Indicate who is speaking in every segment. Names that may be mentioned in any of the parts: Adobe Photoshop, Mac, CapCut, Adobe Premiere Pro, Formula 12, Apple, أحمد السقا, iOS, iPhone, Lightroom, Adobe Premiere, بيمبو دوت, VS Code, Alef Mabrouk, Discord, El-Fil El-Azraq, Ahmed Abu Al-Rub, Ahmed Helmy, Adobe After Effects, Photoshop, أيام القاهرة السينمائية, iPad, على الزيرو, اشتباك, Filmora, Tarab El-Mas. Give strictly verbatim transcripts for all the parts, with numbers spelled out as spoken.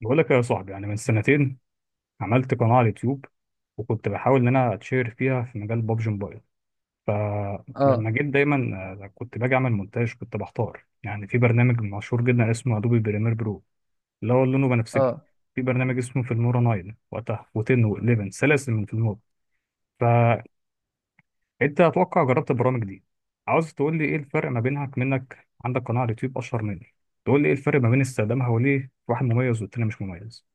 Speaker 1: بقول لك يا صاحبي يعني من سنتين عملت قناة على اليوتيوب، وكنت بحاول إن أنا أتشهر فيها في مجال بابجي موبايل. فلما
Speaker 2: اه
Speaker 1: جيت دايما آه، كنت باجي أعمل مونتاج، كنت بحتار يعني في برنامج مشهور جدا اسمه أدوبي بريمير برو، اللي هو لونه بنفسجي.
Speaker 2: اه
Speaker 1: في برنامج اسمه فيلمورا تسعة وقتها و10 و11، سلاسل من فيلمورا. فأنت أتوقع جربت البرامج دي، عاوز تقول لي إيه الفرق ما بينها؟ منك، عندك قناة على اليوتيوب أشهر مني، تقول لي إيه الفرق ما بين استخدامها، وليه واحد مميز والتاني مش مميز؟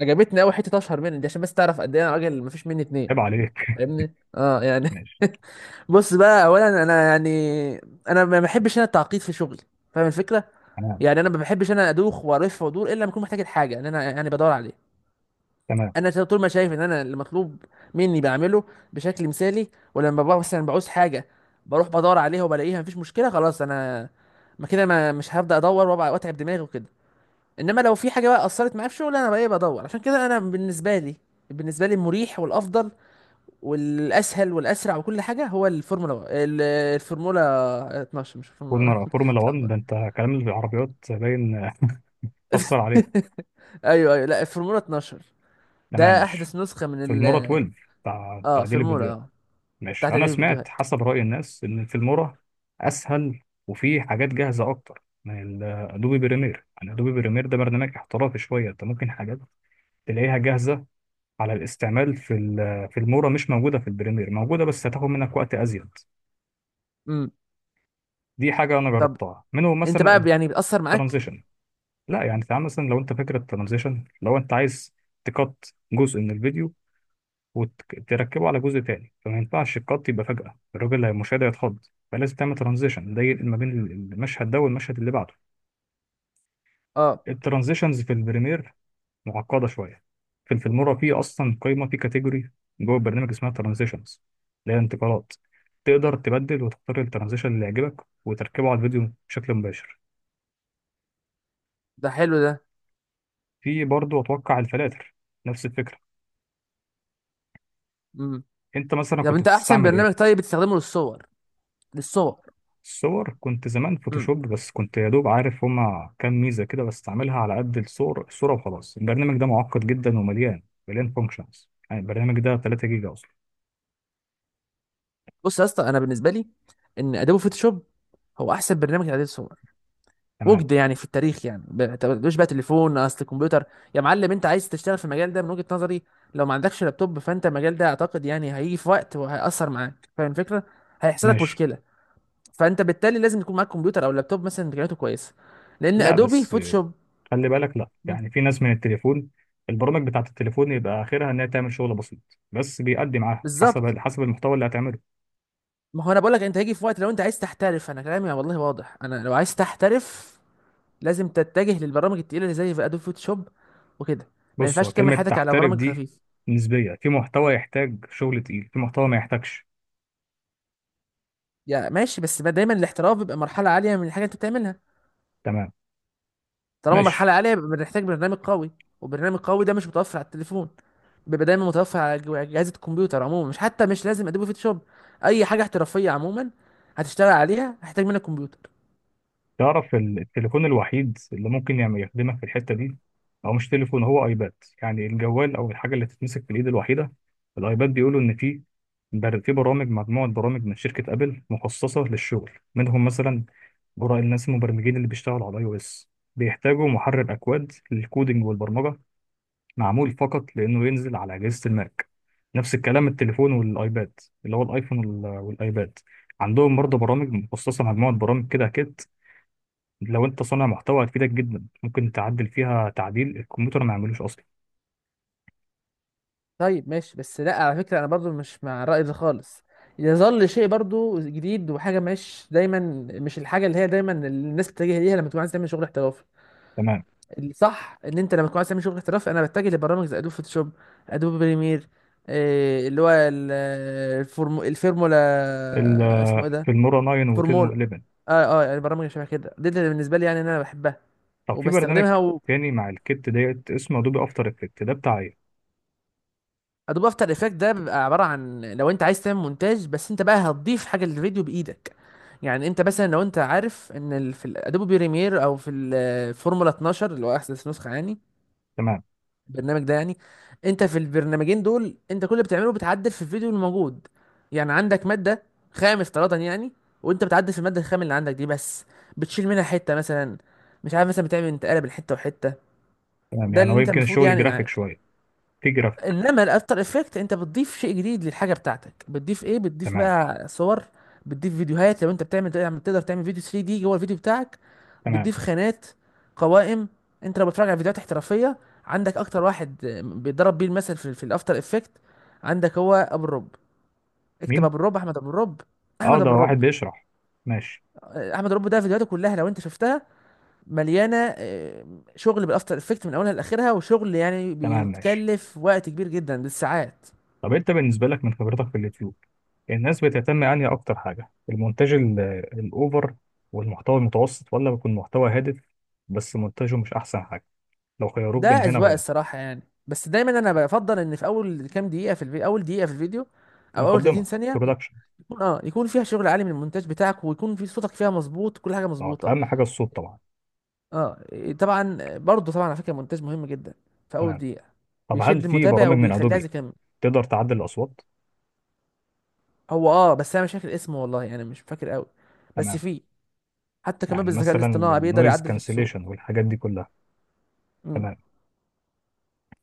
Speaker 2: عجبتني قوي حته اشهر مني دي عشان بس تعرف قد ايه انا راجل مفيش مني اتنين.
Speaker 1: عيب عليك.
Speaker 2: فاهمني اه يعني.
Speaker 1: ماشي.
Speaker 2: بص بقى اولا انا يعني انا ما بحبش انا التعقيد في شغلي، فاهم الفكره. يعني انا ما بحبش انا ادوخ والف وادور الا لما اكون محتاج الحاجه ان انا يعني بدور عليه.
Speaker 1: تمام.
Speaker 2: انا طول ما شايف ان انا المطلوب مني بعمله بشكل مثالي. ولما ببقى مثلا بعوز حاجه بروح بدور عليها وبلاقيها، مفيش مشكله خلاص. انا ما كده ما مش هبدا ادور وأبقى- واتعب دماغي وكده. انما لو في حاجه بقى اثرت معايا في شغل انا بقى ايه بدور. عشان كده انا بالنسبه لي بالنسبه لي المريح والافضل والاسهل والاسرع وكل حاجه هو الفورمولا و- ال- الفورمولا اتناشر، مش الفورمولا.
Speaker 1: فورمولا فورمولا واحد
Speaker 2: اتلخبط.
Speaker 1: ده، انت كلام العربيات باين اثر عليه.
Speaker 2: ايوه ايوه، لا الفورمولا اتناشر،
Speaker 1: تمام
Speaker 2: ده
Speaker 1: ماشي.
Speaker 2: احدث نسخه من
Speaker 1: في
Speaker 2: ال
Speaker 1: المورا اتناشر بتاع
Speaker 2: اه
Speaker 1: تعديل
Speaker 2: فورمولا.
Speaker 1: الفيديوهات.
Speaker 2: اه بتاعت
Speaker 1: ماشي، انا
Speaker 2: تقليل
Speaker 1: سمعت
Speaker 2: الفيديوهات.
Speaker 1: حسب راي الناس ان في المورا اسهل، وفي حاجات جاهزه اكتر من الادوبي بريمير. يعني ادوبي بريمير ده برنامج احترافي شويه، انت ممكن حاجات تلاقيها جاهزه على الاستعمال في ال- في المورا مش موجوده، في البريمير موجوده بس هتاخد منك وقت ازيد.
Speaker 2: امم
Speaker 1: دي حاجه انا
Speaker 2: طب
Speaker 1: جربتها منهم
Speaker 2: انت بقى
Speaker 1: مثلا،
Speaker 2: يعني بيأثر معاك؟
Speaker 1: الترانزيشن. لا يعني تعال مثلا، لو انت فاكر الترانزيشن، لو انت عايز تقط جزء من الفيديو وتركبه على جزء تاني، فما ينفعش القط يبقى فجأة، الراجل اللي هيمشاهد هيتخض، فلازم تعمل ترانزيشن ده ينقل ما بين المشهد ده والمشهد اللي بعده.
Speaker 2: اه
Speaker 1: الترانزيشنز في البريمير معقدة شوية. في الفيلمورا في أصلا قائمة، في كاتيجوري جوه البرنامج اسمها ترانزيشنز، اللي هي انتقالات. تقدر تبدل وتختار الترانزيشن اللي يعجبك وتركبه على الفيديو بشكل مباشر.
Speaker 2: ده حلو ده.
Speaker 1: في برضه أتوقع الفلاتر، نفس الفكرة.
Speaker 2: امم
Speaker 1: انت مثلا
Speaker 2: طب
Speaker 1: كنت
Speaker 2: انت احسن
Speaker 1: بتستعمل
Speaker 2: برنامج
Speaker 1: ايه؟
Speaker 2: طيب بتستخدمه للصور؟ للصور
Speaker 1: الصور كنت زمان فوتوشوب، بس كنت يا دوب عارف هما كام ميزة كده بستعملها على قد الصور الصورة، وخلاص. البرنامج ده معقد جدا ومليان مليان فانكشنز، يعني البرنامج ده تلاتة جيجا أصلا.
Speaker 2: بص يا اسطى، انا بالنسبه لي ان ادوبي فوتوشوب هو احسن برنامج لتعديل الصور
Speaker 1: تمام
Speaker 2: وجد يعني في التاريخ. يعني ما تقولوش بقى تليفون اصل الكمبيوتر يا معلم. انت عايز تشتغل في المجال ده من وجهه نظري؟ لو ما عندكش لابتوب، فانت المجال ده اعتقد يعني هيجي في وقت وهيأثر معاك، فاهم الفكره، هيحصل لك
Speaker 1: ماشي.
Speaker 2: مشكله. فانت بالتالي لازم يكون معاك كمبيوتر او لابتوب مثلا امكانياته كويسه، لان
Speaker 1: لا
Speaker 2: ادوبي
Speaker 1: بس آه،
Speaker 2: فوتوشوب.
Speaker 1: خلي بالك، لا
Speaker 2: مم.
Speaker 1: يعني في ناس من التليفون، البرامج بتاعة التليفون يبقى آخرها إنها تعمل شغل بسيط، بس بيأدي معاها
Speaker 2: بالظبط،
Speaker 1: حسب حسب المحتوى اللي هتعمله.
Speaker 2: ما هو انا بقول لك، انت هيجي في وقت لو انت عايز تحترف. انا كلامي والله واضح، انا لو عايز تحترف لازم تتجه للبرامج التقيله اللي زي ادوبي فوتوشوب وكده. ما
Speaker 1: بص، هو
Speaker 2: ينفعش تكمل
Speaker 1: كلمة
Speaker 2: حياتك على
Speaker 1: تحترف
Speaker 2: برامج
Speaker 1: دي
Speaker 2: خفيفه.
Speaker 1: نسبية، في محتوى يحتاج شغل تقيل، في محتوى ما يحتاجش.
Speaker 2: يا ماشي، بس ما دايما الاحتراف بيبقى مرحله عاليه من الحاجه اللي انت بتعملها.
Speaker 1: تمام
Speaker 2: طالما مرحله
Speaker 1: ماشي.
Speaker 2: عاليه بيبقى بنحتاج برنامج قوي، وبرنامج قوي ده مش متوفر على التليفون، بيبقى دايما متوفر على جو- اجهزه الكمبيوتر عموما. مش حتى مش لازم ادوبي فوتوشوب، اي حاجه احترافيه عموما هتشتغل عليها هتحتاج منك كمبيوتر.
Speaker 1: تعرف ال- التليفون الوحيد اللي ممكن يعمل يخدمك في الحتة دي هو مش تليفون، هو ايباد. يعني الجوال او الحاجة اللي تتمسك في الايد الوحيدة الايباد، بيقولوا ان في بر- في برامج، مجموعة برامج من شركة ابل مخصصة للشغل، منهم مثلا براء الناس المبرمجين اللي بيشتغلوا على اي او اس، بيحتاجوا محرر اكواد للكودينج والبرمجة معمول فقط، لانه ينزل على اجهزة الماك. نفس الكلام التليفون والايباد، اللي هو الايفون وال- والايباد، عندهم برضه برامج مخصصة، مجموعة برامج كده لو انت صانع محتوى هتفيدك جدا، ممكن تعدل فيها تعديل الكمبيوتر ما يعملوش اصلا.
Speaker 2: طيب ماشي، بس لا على فكرة انا برضو مش مع الرأي ده خالص. يظل شيء برضو جديد، وحاجة مش دايما، مش الحاجة اللي هي دايما الناس بتتجه ليها لما تكون عايز تعمل شغل احترافي.
Speaker 1: تمام.
Speaker 2: الصح ان انت لما تكون عايز تعمل شغل احترافي انا بتجه لبرامج زي ادوب فوتوشوب، ادوب بريمير. إيه اللي هو ال- الفورمو الفورمولا
Speaker 1: ال-
Speaker 2: اسمه ايه ده؟
Speaker 1: في المورا تسعة و10
Speaker 2: فورمولا.
Speaker 1: و11.
Speaker 2: اه اه يعني برامج شبه كده، دي اللي بالنسبة لي يعني إن انا بحبها
Speaker 1: طب في برنامج
Speaker 2: وبستخدمها.
Speaker 1: تاني مع الكت ديت اسمه ادوبي افتر افكت، ده بتاع ايه؟
Speaker 2: ادوب افتر افكت ده بيبقى عباره عن لو انت عايز تعمل مونتاج بس انت بقى هتضيف حاجه للفيديو بايدك. يعني انت مثلا لو انت عارف ان ال- في الادوبي بريمير او في الفورمولا اتناشر، اللي هو احدث نسخه يعني.
Speaker 1: تمام.
Speaker 2: البرنامج ده يعني، انت في البرنامجين دول انت كل اللي بتعمله بتعدل في الفيديو الموجود. يعني عندك ماده خام افتراضا يعني، وانت بتعدل في الماده الخام اللي عندك دي بس. بتشيل منها حته مثلا، مش عارف مثلا بتعمل انتقاله بين حته وحته،
Speaker 1: تمام،
Speaker 2: ده
Speaker 1: يعني هو
Speaker 2: اللي انت
Speaker 1: يمكن
Speaker 2: المفروض
Speaker 1: الشغل
Speaker 2: يعني
Speaker 1: جرافيك
Speaker 2: معاك.
Speaker 1: شويه، في جرافيك.
Speaker 2: انما الافتر افكت انت بتضيف شيء جديد للحاجه بتاعتك. بتضيف ايه؟ بتضيف
Speaker 1: تمام.
Speaker 2: بقى صور، بتضيف فيديوهات. لو انت بتعمل تعمل- تقدر تعمل فيديو ثري دي جوه الفيديو بتاعك.
Speaker 1: تمام.
Speaker 2: بتضيف خانات، قوائم. انت لو بتتفرج على فيديوهات احترافيه، عندك اكتر واحد بيضرب بيه المثل في, في الافتر افكت عندك هو ابو الرب. اكتب
Speaker 1: مين؟
Speaker 2: ابو الرب، احمد ابو الرب.
Speaker 1: اه
Speaker 2: احمد
Speaker 1: ده
Speaker 2: ابو
Speaker 1: واحد
Speaker 2: الرب.
Speaker 1: بيشرح. ماشي.
Speaker 2: احمد ابو الرب ده فيديوهاته كلها لو انت شفتها مليانه آه، شغل بالافتر افكت من اولها لاخرها، وشغل يعني
Speaker 1: تمام ماشي.
Speaker 2: بيتكلف وقت كبير جدا بالساعات.
Speaker 1: طب انت بالنسبه لك من خبرتك في اليوتيوب، الناس بتهتم انهي اكتر حاجه؟ المونتاج ال- الاوفر والمحتوى المتوسط، ولا بيكون محتوى هادف بس مونتاجه مش احسن حاجه؟ لو خيروك
Speaker 2: ده
Speaker 1: بين هنا
Speaker 2: اذواق
Speaker 1: وهنا؟
Speaker 2: الصراحه يعني، بس دايما انا بفضل ان في اول كام دقيقه في الفيديو، اول دقيقه في الفيديو او اول ثلاثين
Speaker 1: المقدمه،
Speaker 2: ثانيه
Speaker 1: introduction.
Speaker 2: يكون اه يكون فيها شغل عالي من المونتاج بتاعك، ويكون في صوتك فيها مظبوط، كل حاجه
Speaker 1: طبعا
Speaker 2: مظبوطه.
Speaker 1: اهم حاجه الصوت طبعا.
Speaker 2: اه إيه، طبعا برضه طبعا على فكره المونتاج مهم جدا في اول
Speaker 1: تمام.
Speaker 2: دقيقه،
Speaker 1: طب هل
Speaker 2: بيشد
Speaker 1: في
Speaker 2: المتابع
Speaker 1: برامج من
Speaker 2: وبيخليه عايز
Speaker 1: ادوبي
Speaker 2: يكمل.
Speaker 1: تقدر تعدل الاصوات؟
Speaker 2: هو اه بس انا مش فاكر اسمه والله، يعني مش فاكر قوي. بس
Speaker 1: تمام.
Speaker 2: في حتى كمان
Speaker 1: يعني
Speaker 2: بالذكاء
Speaker 1: مثلا
Speaker 2: الاصطناعي بيقدر
Speaker 1: للنويز
Speaker 2: يعدل في الصوت.
Speaker 1: كانسليشن والحاجات دي كلها.
Speaker 2: مم.
Speaker 1: تمام.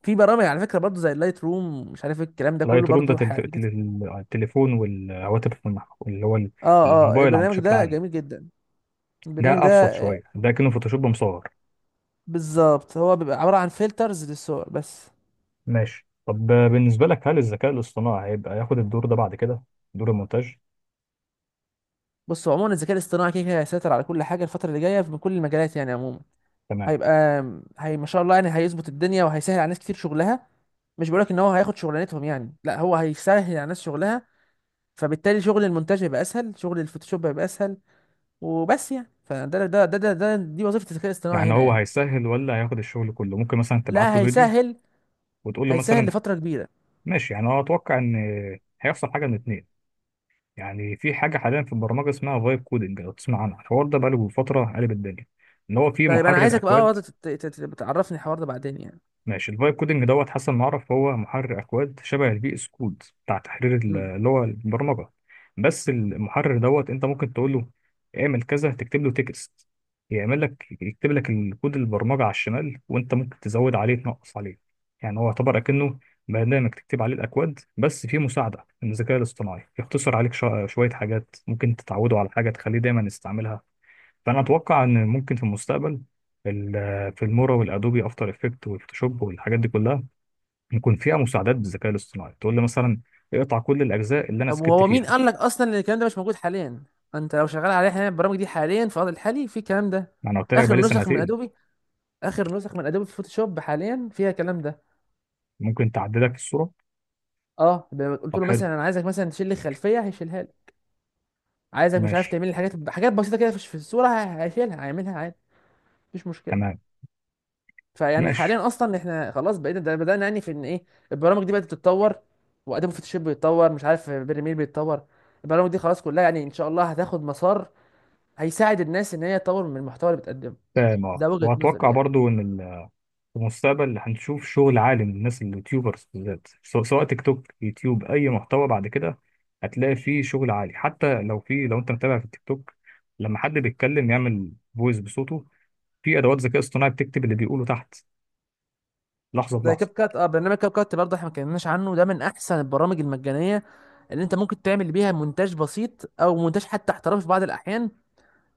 Speaker 2: في برامج على فكره برضه زي اللايت روم، مش عارف إيه الكلام ده كله
Speaker 1: لايت روم ده
Speaker 2: برضه
Speaker 1: تل-
Speaker 2: ح-
Speaker 1: تل- التليفون والهواتف والمح- اللي هو
Speaker 2: اه اه
Speaker 1: الموبايل عم
Speaker 2: البرنامج
Speaker 1: بشكل
Speaker 2: ده
Speaker 1: عام.
Speaker 2: جميل جدا. البرنامج
Speaker 1: ده
Speaker 2: ده
Speaker 1: ابسط شويه، ده كأنه فوتوشوب مصور.
Speaker 2: بالظبط هو بيبقى عبارة عن فلترز للصور بس.
Speaker 1: ماشي. طب بالنسبه لك، هل الذكاء الاصطناعي هيبقى ياخد الدور ده بعد كده؟ دور المونتاج.
Speaker 2: بص عموما الذكاء الاصطناعي كده كده هيسيطر على كل حاجة الفترة اللي جاية من كل المجالات يعني عموما.
Speaker 1: تمام.
Speaker 2: هيبقى هي ما شاء الله يعني هيظبط الدنيا وهيسهل على ناس كتير شغلها، مش بقولك ان هو هياخد شغلانتهم يعني، لا هو هيسهل على ناس شغلها. فبالتالي شغل المونتاج هيبقى اسهل، شغل الفوتوشوب هيبقى اسهل. وبس يعني، فده ده ده ده, ده دي وظيفة الذكاء الاصطناعي
Speaker 1: يعني
Speaker 2: هنا
Speaker 1: هو
Speaker 2: يعني.
Speaker 1: هيسهل ولا هياخد الشغل كله؟ ممكن مثلا تبعت
Speaker 2: لا
Speaker 1: له فيديو
Speaker 2: هيسهل،
Speaker 1: وتقول له
Speaker 2: هيسهل
Speaker 1: مثلا.
Speaker 2: لفترة كبيرة.
Speaker 1: ماشي يعني هو، اتوقع ان هيحصل حاجه من اتنين. يعني في حاجه حاليا في البرمجه اسمها فايب كودنج، لو تسمع عنها الحوار ده بقاله فتره قلب الدنيا. ان هو في
Speaker 2: طيب انا
Speaker 1: محرر
Speaker 2: عايزك بقى
Speaker 1: اكواد.
Speaker 2: برضه تت- تت- تعرفني الحوار ده بعدين يعني.
Speaker 1: ماشي. الفايب كودنج دوت حسن ما اعرف، هو محرر اكواد شبه الفي اس كود بتاع تحرير ال- اللي هو البرمجه، بس المحرر دوت انت ممكن تقول له اعمل كذا، تكتب له تكست، يعمل لك يكتب لك الكود البرمجه على الشمال، وانت ممكن تزود عليه تنقص عليه. يعني هو يعتبر اكنه برنامج تكتب عليه الاكواد، بس فيه مساعده من الذكاء الاصطناعي يختصر عليك شو- شويه حاجات، ممكن تتعوده على حاجه تخليه دايما يستعملها. فانا اتوقع ان ممكن في المستقبل ال- في المورا والادوبي افتر افكت والفوتوشوب والحاجات دي كلها، يكون فيها مساعدات بالذكاء الاصطناعي تقول لي مثلا، اقطع كل الاجزاء اللي انا
Speaker 2: طب
Speaker 1: سكت
Speaker 2: وهو مين
Speaker 1: فيها.
Speaker 2: قال لك اصلا ان الكلام ده مش موجود حاليا؟ انت لو شغال عليه حاليا، البرامج دي حاليا في الوضع الحالي في الكلام ده.
Speaker 1: ما انا قلت لك
Speaker 2: اخر
Speaker 1: بقالي
Speaker 2: نسخ من
Speaker 1: سنتين.
Speaker 2: ادوبي، اخر نسخ من ادوبي في فوتوشوب حاليا فيها الكلام ده.
Speaker 1: ممكن تعدلك الصوره.
Speaker 2: اه ب- قلت
Speaker 1: طب
Speaker 2: له
Speaker 1: حلو.
Speaker 2: مثلا انا عايزك مثلا تشيل لي الخلفيه، هيشيلها لي. عايزك مش عارف
Speaker 1: ماشي
Speaker 2: تعمل لي حاجات، حاجات بسيطه كده في في الصوره هي- هيشيلها، هيعملها عادي، مفيش مشكله.
Speaker 1: تمام.
Speaker 2: فيعني
Speaker 1: ماشي
Speaker 2: حاليا اصلا احنا خلاص بقينا ده بدانا يعني في ان ايه. البرامج دي بدات تتطور، وادوبي فوتوشوب بيتطور، مش عارف بريمير بيتطور. البرامج دي خلاص كلها يعني ان شاء الله هتاخد مسار هيساعد الناس ان هي تطور من المحتوى اللي بتقدمه.
Speaker 1: تمام. اه
Speaker 2: ده وجهة نظري
Speaker 1: واتوقع
Speaker 2: يعني.
Speaker 1: برضو ان في المستقبل هنشوف شغل عالي من الناس، اليوتيوبرز بالذات، سواء سواء تيك توك يوتيوب اي محتوى، بعد كده هتلاقي فيه شغل عالي. حتى لو في، لو انت متابع في التيك توك، لما حد بيتكلم يعمل فويس بصوته، في ادوات ذكاء اصطناعي بتكتب اللي بيقوله تحت لحظه
Speaker 2: زي كاب
Speaker 1: بلحظه.
Speaker 2: كات، اه برنامج كاب كات برضه احنا ما اتكلمناش عنه، ده من احسن البرامج المجانيه اللي انت ممكن تعمل بيها مونتاج بسيط او مونتاج حتى احترافي في بعض الاحيان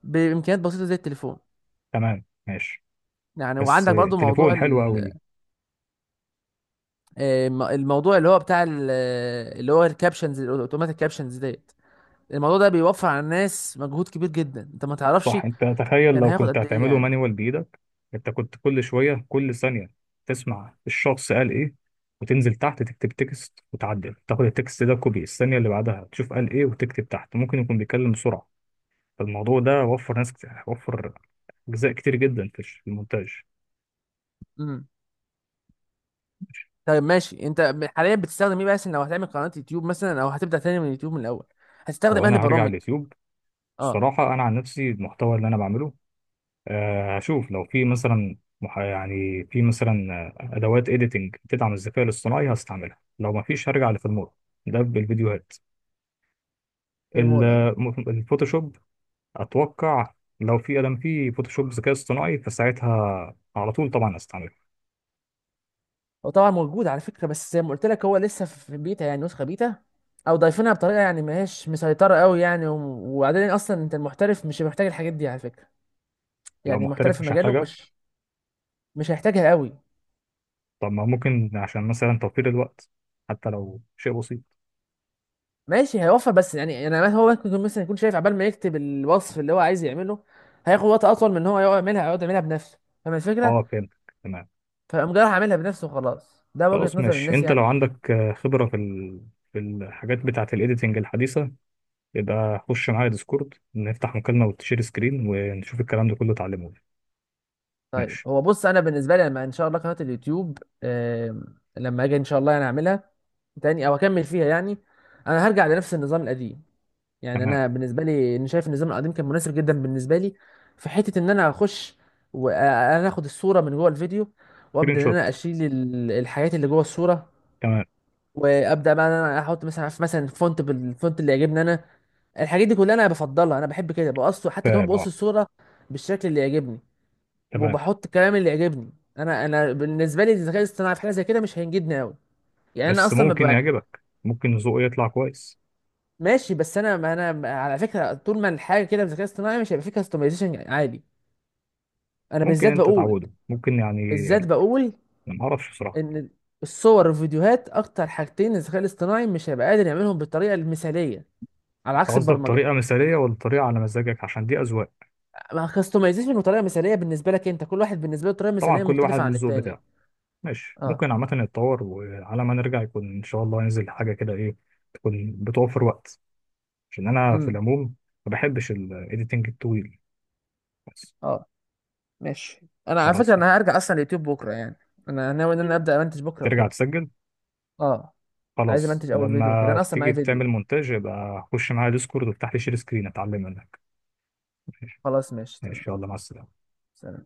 Speaker 2: بامكانيات بسيطه زي التليفون
Speaker 1: تمام ماشي.
Speaker 2: يعني.
Speaker 1: بس
Speaker 2: وعندك برضه موضوع
Speaker 1: التليفون حلو قوي
Speaker 2: ال-
Speaker 1: دي.
Speaker 2: آه، الم- الموضوع اللي هو بتاع ال- آه، اللي هو الكابشنز الاوتوماتيك كابشنز ديت. الموضوع ده بيوفر على الناس مجهود كبير جدا، انت ما تعرفش
Speaker 1: صح، انت تخيل
Speaker 2: كان
Speaker 1: لو
Speaker 2: هياخد
Speaker 1: كنت
Speaker 2: قد ايه
Speaker 1: هتعمله
Speaker 2: يعني.
Speaker 1: مانيوال بايدك. انت كنت كل شويه كل ثانيه تسمع الشخص قال ايه، وتنزل تحت تكتب تكست وتعدل، تاخد التكست ده كوبي، الثانيه اللي بعدها تشوف قال ايه وتكتب تحت، ممكن يكون بيتكلم بسرعه. فالموضوع ده وفر ناس كتير، وفر اجزاء كتير جدا في الش- في المونتاج.
Speaker 2: طيب ماشي، انت حاليا بتستخدم ايه؟ بس لو هتعمل قناة يوتيوب مثلا او هتبدأ تاني من اليوتيوب من الاول،
Speaker 1: لو
Speaker 2: هتستخدم انهي
Speaker 1: انا هرجع
Speaker 2: برامج؟
Speaker 1: اليوتيوب،
Speaker 2: اه
Speaker 1: الصراحه انا عن نفسي المحتوى اللي انا بعمله، آه، هشوف لو في مثلا مح- يعني في مثلا آه، ادوات اديتنج تدعم الذكاء الاصطناعي هستعملها، لو ما فيش هرجع لفيلمور. ده بالفيديوهات. ال-
Speaker 2: فيرمولا.
Speaker 1: م- الفوتوشوب اتوقع، لو في ادم فيه فوتوشوب ذكاء اصطناعي فساعتها على طول طبعا هستعمله.
Speaker 2: هو طبعا موجود على فكرة، بس زي ما قلت لك هو لسه في بيتا يعني نسخة بيتا، او ضايفينها بطريقة يعني ما هيش مسيطرة قوي يعني. و- وبعدين اصلا انت المحترف مش محتاج الحاجات دي على فكرة.
Speaker 1: لو
Speaker 2: يعني محترف
Speaker 1: محترف
Speaker 2: في
Speaker 1: مش
Speaker 2: مجاله
Speaker 1: هحتاجها.
Speaker 2: مش مش هيحتاجها قوي.
Speaker 1: طب ما ممكن عشان مثلا توفير الوقت، حتى لو شيء بسيط.
Speaker 2: ماشي هيوفر، بس يعني انا هو ممكن يكون مثلا يكون شايف عبال ما يكتب الوصف اللي هو عايز يعمله هياخد وقت اطول من ان هو يقعد يعملها يقعد يعملها بنفسه، فاهم الفكرة.
Speaker 1: اه فهمت. تمام.
Speaker 2: فقام جاي راح عاملها بنفسه وخلاص، ده وجهة
Speaker 1: خلاص
Speaker 2: نظر
Speaker 1: ماشي.
Speaker 2: الناس
Speaker 1: انت لو
Speaker 2: يعني.
Speaker 1: عندك آه، خبرة في ال... في الحاجات بتاعة الايديتنج الحديثة، يبقى خش معايا ديسكورد نفتح مكالمة وتشير سكرين، ونشوف الكلام ده كله اتعلمه لي.
Speaker 2: طيب
Speaker 1: ماشي.
Speaker 2: هو بص انا بالنسبه لي لما ان شاء الله قناه اليوتيوب، آم، لما اجي ان شاء الله انا اعملها تاني او اكمل فيها يعني، انا هرجع لنفس النظام القديم. يعني
Speaker 1: تمام.
Speaker 2: انا بالنسبه لي انا شايف النظام القديم كان مناسب جدا بالنسبه لي، في حته ان انا اخش وانا اخد الصوره من جوه الفيديو،
Speaker 1: سكرين
Speaker 2: وابدا ان انا
Speaker 1: شوت.
Speaker 2: اشيل ال- الحاجات اللي جوه الصوره.
Speaker 1: تمام.
Speaker 2: وابدا بقى ان انا احط مثلا، عارف مثلا فونت بالفونت اللي يعجبني انا. الحاجات دي كلها انا بفضلها. انا بحب كده بقص، حتى كمان
Speaker 1: فاهم
Speaker 2: بقص
Speaker 1: اه.
Speaker 2: الصوره بالشكل اللي يعجبني،
Speaker 1: تمام.
Speaker 2: وبحط الكلام اللي يعجبني انا. انا بالنسبه لي الذكاء الاصطناعي في حاجه زي كده مش هينجدني قوي، يعني انا
Speaker 1: بس
Speaker 2: اصلا
Speaker 1: ممكن
Speaker 2: ببقى...
Speaker 1: يعجبك، ممكن ذوقه يطلع كويس.
Speaker 2: ماشي بس انا ما انا ما- على فكره طول ما الحاجه كده بالذكاء الاصطناعي مش هيبقى فيه كاستمايزيشن عادي. انا
Speaker 1: ممكن
Speaker 2: بالذات
Speaker 1: انت
Speaker 2: بقول
Speaker 1: تعوده ممكن يعني.
Speaker 2: بالذات بقول
Speaker 1: ما اعرفش بصراحة.
Speaker 2: ان الصور والفيديوهات اكتر حاجتين الذكاء الاصطناعي مش هيبقى قادر يعملهم بالطريقه المثاليه، على
Speaker 1: انت
Speaker 2: عكس
Speaker 1: قصدك
Speaker 2: البرمجه.
Speaker 1: طريقة مثالية ولا طريقة على مزاجك؟ عشان دي اذواق.
Speaker 2: ما كاستمايزيشن وطريقه مثاليه بالنسبه لك، انت كل واحد بالنسبه له طريقه
Speaker 1: طبعا
Speaker 2: مثاليه
Speaker 1: كل واحد
Speaker 2: مختلفه
Speaker 1: ليه
Speaker 2: عن
Speaker 1: الذوق
Speaker 2: التاني.
Speaker 1: بتاعه. ماشي،
Speaker 2: اه.
Speaker 1: ممكن عامة يتطور، وعلى ما نرجع يكون ان شاء الله ينزل حاجة كده ايه، تكون بتوفر وقت. عشان انا في
Speaker 2: امم
Speaker 1: العموم ما بحبش الايديتنج الطويل بس.
Speaker 2: اه ماشي. انا على
Speaker 1: خلاص.
Speaker 2: فكره انا هرجع اصلا اليوتيوب بكره يعني. انا ناوي ان انا ابدا امنتج بكره
Speaker 1: ترجع
Speaker 2: وكده.
Speaker 1: تسجل.
Speaker 2: اه عايز
Speaker 1: خلاص،
Speaker 2: امنتج اول فيديو وكده،
Speaker 1: لما
Speaker 2: انا اصلا معايا
Speaker 1: تيجي تعمل
Speaker 2: فيديو.
Speaker 1: مونتاج يبقى خش معايا ديسكورد وافتح لي شير سكرين اتعلم منك.
Speaker 2: خلاص ماشي
Speaker 1: ان
Speaker 2: تمام.
Speaker 1: شاء الله مع السلامه.
Speaker 2: سلام.